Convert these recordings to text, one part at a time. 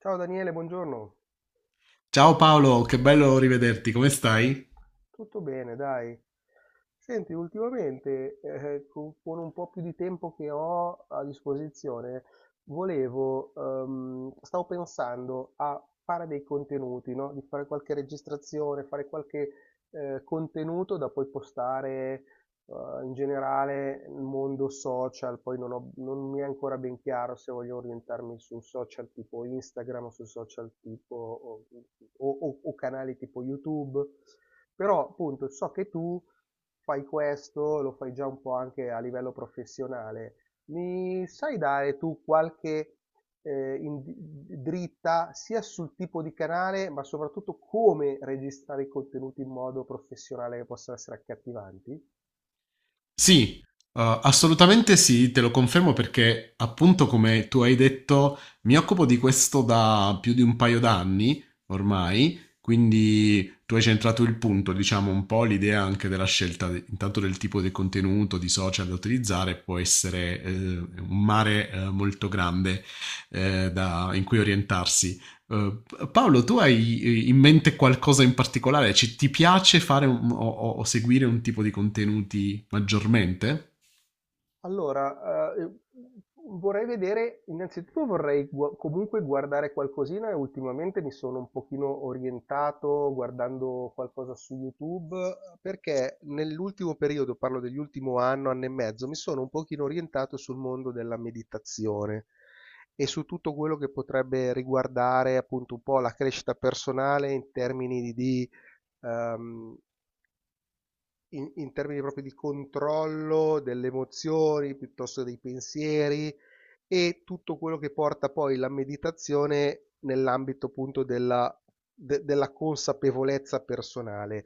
Ciao Daniele, buongiorno. Ciao Paolo, che bello rivederti, come stai? Tutto bene, dai. Senti, ultimamente, con un po' più di tempo che ho a disposizione, volevo, stavo pensando a fare dei contenuti, no? Di fare qualche registrazione, fare qualche contenuto da poi postare, in generale nel mondo social. Poi non mi è ancora ben chiaro se voglio orientarmi su social tipo Instagram, su social tipo o canali tipo YouTube. Però appunto so che tu fai questo, lo fai già un po' anche a livello professionale. Mi sai dare tu qualche dritta sia sul tipo di canale, ma soprattutto come registrare i contenuti in modo professionale che possano essere accattivanti? Sì, assolutamente sì, te lo confermo perché appunto come tu hai detto mi occupo di questo da più di un paio d'anni ormai, quindi tu hai centrato il punto, diciamo un po' l'idea anche della scelta intanto del tipo di contenuto, di social da utilizzare, può essere un mare molto grande, in cui orientarsi. Uh, Paolo, tu hai in mente qualcosa in particolare? Ti piace fare o seguire un tipo di contenuti maggiormente? Allora, vorrei vedere, innanzitutto comunque guardare qualcosina e ultimamente mi sono un pochino orientato guardando qualcosa su YouTube perché nell'ultimo periodo, parlo dell'ultimo anno, anno e mezzo, mi sono un pochino orientato sul mondo della meditazione e su tutto quello che potrebbe riguardare appunto un po' la crescita personale in termini di, ehm, in, in termini proprio di controllo delle emozioni, piuttosto dei pensieri e tutto quello che porta poi la meditazione nell'ambito appunto della consapevolezza personale.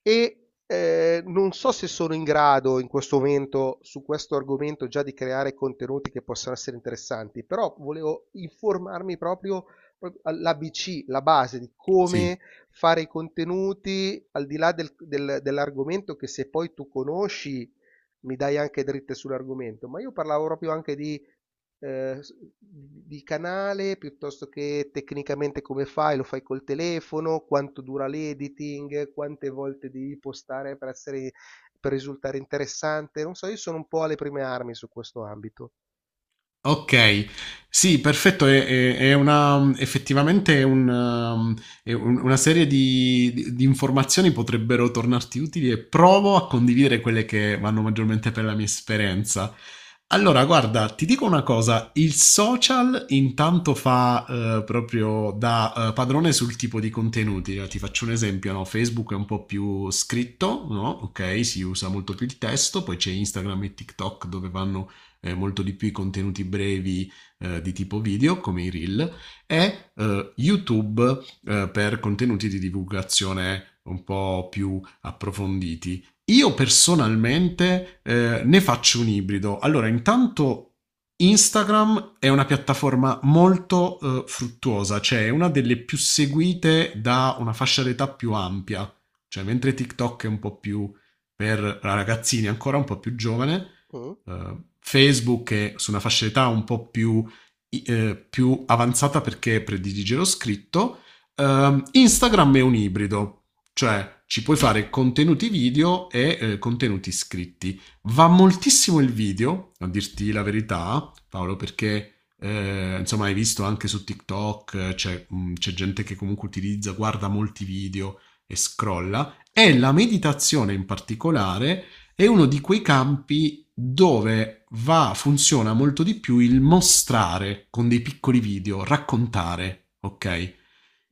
E non so se sono in grado in questo momento su questo argomento già di creare contenuti che possano essere interessanti, però volevo informarmi proprio l'ABC, la base di Sì. come fare i contenuti al di là dell'argomento che se poi tu conosci mi dai anche dritte sull'argomento, ma io parlavo proprio anche di canale piuttosto che tecnicamente come fai, lo fai col telefono, quanto dura l'editing, quante volte devi postare per risultare interessante. Non so, io sono un po' alle prime armi su questo ambito. Ok, sì, perfetto, effettivamente è un, um, è un- una serie di, di informazioni potrebbero tornarti utili e provo a condividere quelle che vanno maggiormente per la mia esperienza. Allora, guarda, ti dico una cosa, il social intanto fa proprio da padrone sul tipo di contenuti, ti faccio un esempio, no? Facebook è un po' più scritto, no? Ok, si usa molto più il testo, poi c'è Instagram e TikTok dove vanno molto di più i contenuti brevi di tipo video, come i reel, e YouTube per contenuti di divulgazione un po' più approfonditi. Io personalmente ne faccio un ibrido. Allora, intanto Instagram è una piattaforma molto fruttuosa, cioè è una delle più seguite da una fascia d'età più ampia, cioè mentre TikTok è un po' più per ragazzini, ancora un po' più giovane, Mm, Facebook è su una fascia d'età un po' più, più avanzata perché predilige lo scritto. Instagram è un ibrido, cioè ci puoi fare contenuti video e contenuti scritti. Va moltissimo il video, a dirti la verità, Paolo, perché insomma hai visto anche su TikTok c'è gente che comunque utilizza, guarda molti video e scrolla. E sì. la meditazione in particolare è uno di quei campi dove va, funziona molto di più il mostrare con dei piccoli video, raccontare, ok?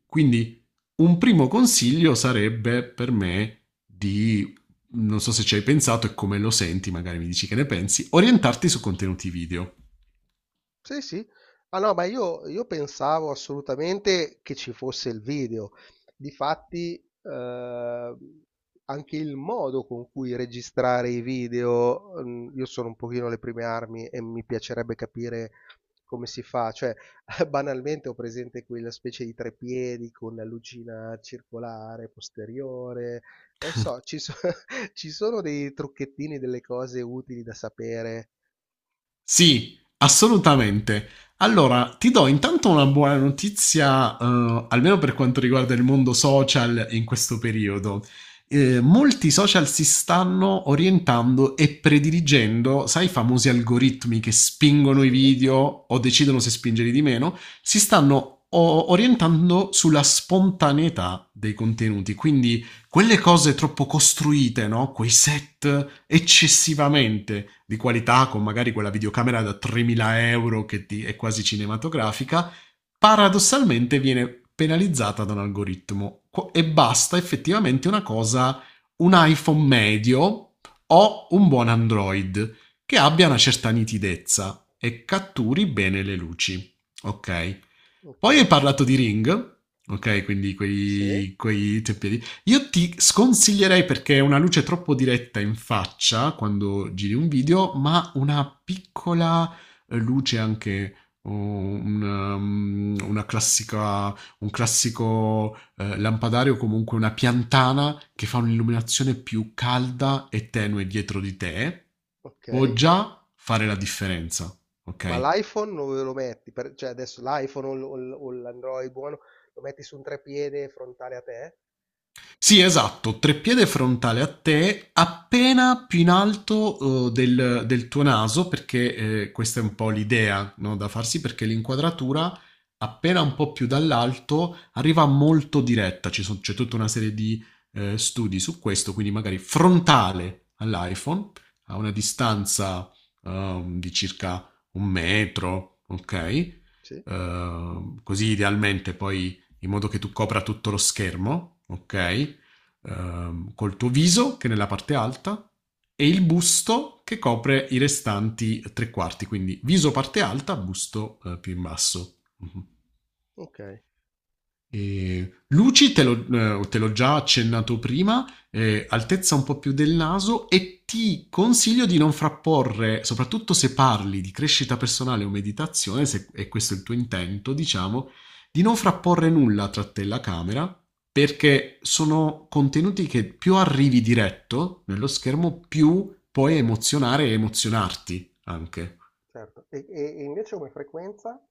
Quindi un primo consiglio sarebbe per me di, non so se ci hai pensato e come lo senti, magari mi dici che ne pensi, orientarti su contenuti video. Sì, sì. Ah no, ma io pensavo assolutamente che ci fosse il video. Difatti, eh, anche il modo con cui registrare i video, mm, io sono un pochino alle prime armi e mi piacerebbe capire come si fa. Cioè, banalmente ho presente quella specie di treppiedi con la lucina circolare posteriore. Non so, ci sono dei trucchettini, delle cose utili da sapere. Sì, assolutamente. Allora, ti do intanto una buona notizia, almeno per quanto riguarda il mondo social in questo periodo. Molti social si stanno orientando e prediligendo, sai, i famosi algoritmi che spingono i Sì, video o sì, decidono se spingerli di meno, si stanno orientando sulla spontaneità dei contenuti. Quindi quelle cose troppo costruite, no? Quei set eccessivamente di qualità, con magari quella videocamera da 3.000 euro che è quasi cinematografica, paradossalmente viene penalizzata da un algoritmo. E basta effettivamente una cosa, un iPhone medio o un buon Android che abbia una certa nitidezza e catturi bene le luci. Ok. ok. Poi hai parlato di Ring, ok, quindi Sì, quei tempi di io ti sconsiglierei perché è una luce troppo diretta in faccia quando giri un video, ma una piccola luce anche oh, una, mm, una classica, un classico lampadario, comunque una piantana che fa un'illuminazione più calda e tenue dietro di te, ok. può già fare la differenza, Ma ok? l'iPhone dove lo metti? Per- cioè adesso l'iPhone o l'Android buono, lo metti su un trepiede frontale a te? Sì, esatto, treppiede frontale a te, appena più in alto del tuo naso, perché questa è un po' l'idea, no, da farsi, perché l'inquadratura, appena un po' più dall'alto, arriva molto diretta. C'è tutta una serie di studi su questo, quindi magari frontale all'iPhone, a una distanza di circa un metro, ok? Sì. Così idealmente poi in modo che tu copra tutto lo schermo, ok? Col tuo viso, che è nella parte alta, e il busto che copre i restanti tre quarti, quindi viso parte alta, busto più in basso. Mhm. Ok. E luci te l'ho già accennato prima, altezza un po' più del naso e ti consiglio di non frapporre, soprattutto se parli di crescita personale o meditazione, se è questo il tuo intento, diciamo, di non frapporre nulla tra te e la camera, perché sono contenuti che più arrivi diretto nello schermo, più puoi emozionare e emozionarti anche. Certo, e, e invece come frequenza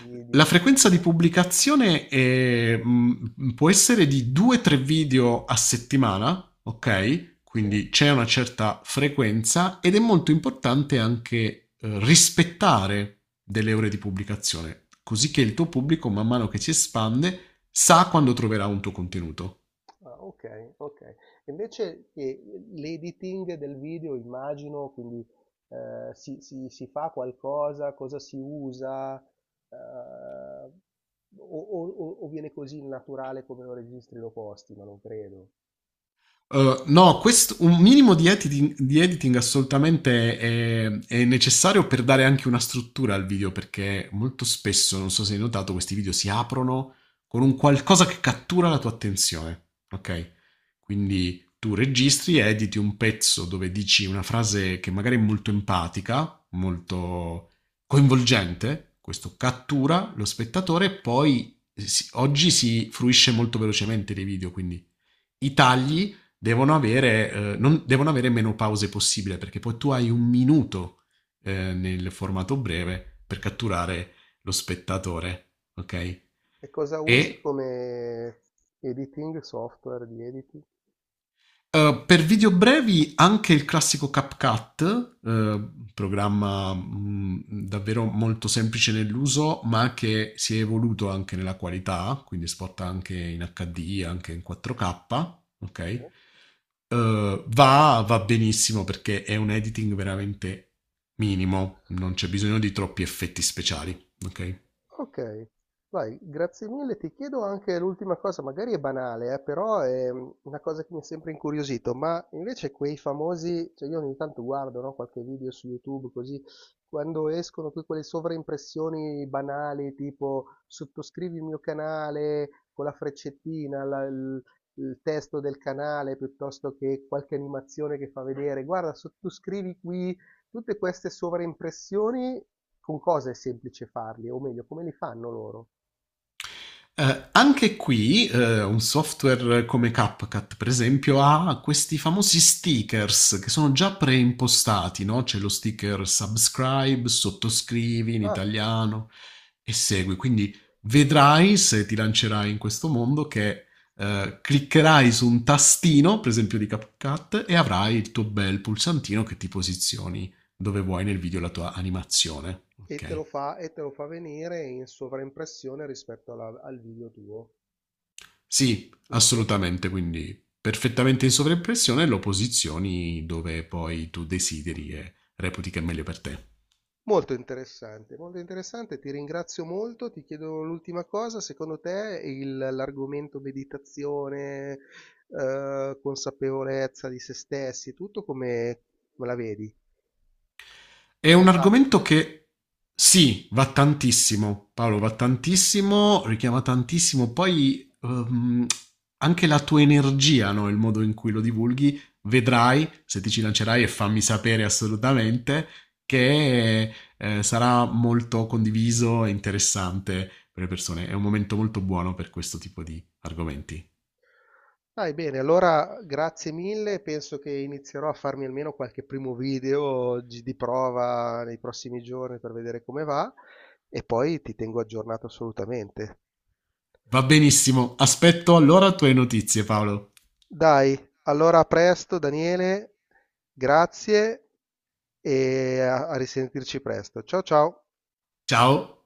La di frequenza di post? pubblicazione può essere di 2-3 video a settimana, ok? Sì. Quindi c'è una certa frequenza ed è molto importante anche rispettare delle ore di pubblicazione, così che il tuo pubblico, man mano che si espande, sa quando troverà un tuo contenuto. Ah, ok, ok. Invece l'editing del video, immagino, quindi si fa qualcosa, cosa si usa, eh, o viene così naturale come lo registri e lo posti, ma non credo. No, un minimo di editing, assolutamente è necessario per dare anche una struttura al video, perché molto spesso, non so se hai notato, questi video si aprono con un qualcosa che cattura la tua attenzione, ok? Quindi tu registri, editi un pezzo dove dici una frase che magari è molto empatica, molto coinvolgente, questo cattura lo spettatore e poi oggi si fruisce molto velocemente dei video, quindi i tagli devono avere, devono avere meno pause possibile perché poi tu hai un minuto nel formato breve per catturare lo spettatore, ok? E cosa E usi come editing, software di editing? Per video brevi anche il classico CapCut, programma davvero molto semplice nell'uso, ma che si è evoluto anche nella qualità, quindi spot anche in HD, anche in 4K, ok? Va benissimo perché è un editing veramente minimo, non c'è bisogno di troppi effetti speciali, ok? Ok, vai, grazie mille. Ti chiedo anche l'ultima cosa, magari è banale, però è mm, una cosa che mi ha sempre incuriosito, ma invece quei famosi, cioè io ogni tanto guardo, no, qualche video su YouTube così, quando escono poi quelle sovraimpressioni banali, tipo sottoscrivi il mio canale con la freccettina, il testo del canale, piuttosto che qualche animazione che fa vedere, guarda, sottoscrivi qui, tutte queste sovraimpressioni con cosa è semplice farli, o meglio, come li fanno loro. Anche qui un software come CapCut, per esempio, ha questi famosi stickers che sono già preimpostati, no? C'è lo sticker subscribe, sottoscrivi in Ah, italiano e segui. Quindi vedrai se ti lancerai in questo mondo che cliccherai su un tastino, per esempio di CapCut, e avrai il tuo bel pulsantino che ti posizioni dove vuoi nel video la tua animazione. e te Ok? lo fa, e te lo fa venire in sovraimpressione rispetto al video tuo, Sì, giusto? assolutamente, quindi perfettamente in sovraimpressione lo posizioni dove poi tu desideri e reputi che è meglio per te. Molto interessante, ti ringrazio molto, ti chiedo l'ultima cosa, secondo te l'argomento meditazione, consapevolezza di se stessi, tutto come, come la vedi? È Ce un n'è tanto? argomento che sì, va tantissimo, Paolo, va tantissimo, richiama tantissimo, poi anche la tua energia, no? Il modo in cui lo divulghi, vedrai, se ti ci lancerai e fammi sapere assolutamente, che sarà molto condiviso e interessante per le persone. È un momento molto buono per questo tipo di argomenti. Dai, bene, allora grazie mille, penso che inizierò a farmi almeno qualche primo di prova nei prossimi giorni per vedere come va e poi ti tengo aggiornato assolutamente. Va benissimo, aspetto allora tue notizie, Paolo. Dai, allora a presto Daniele, grazie e a risentirci presto. Ciao ciao! Ciao!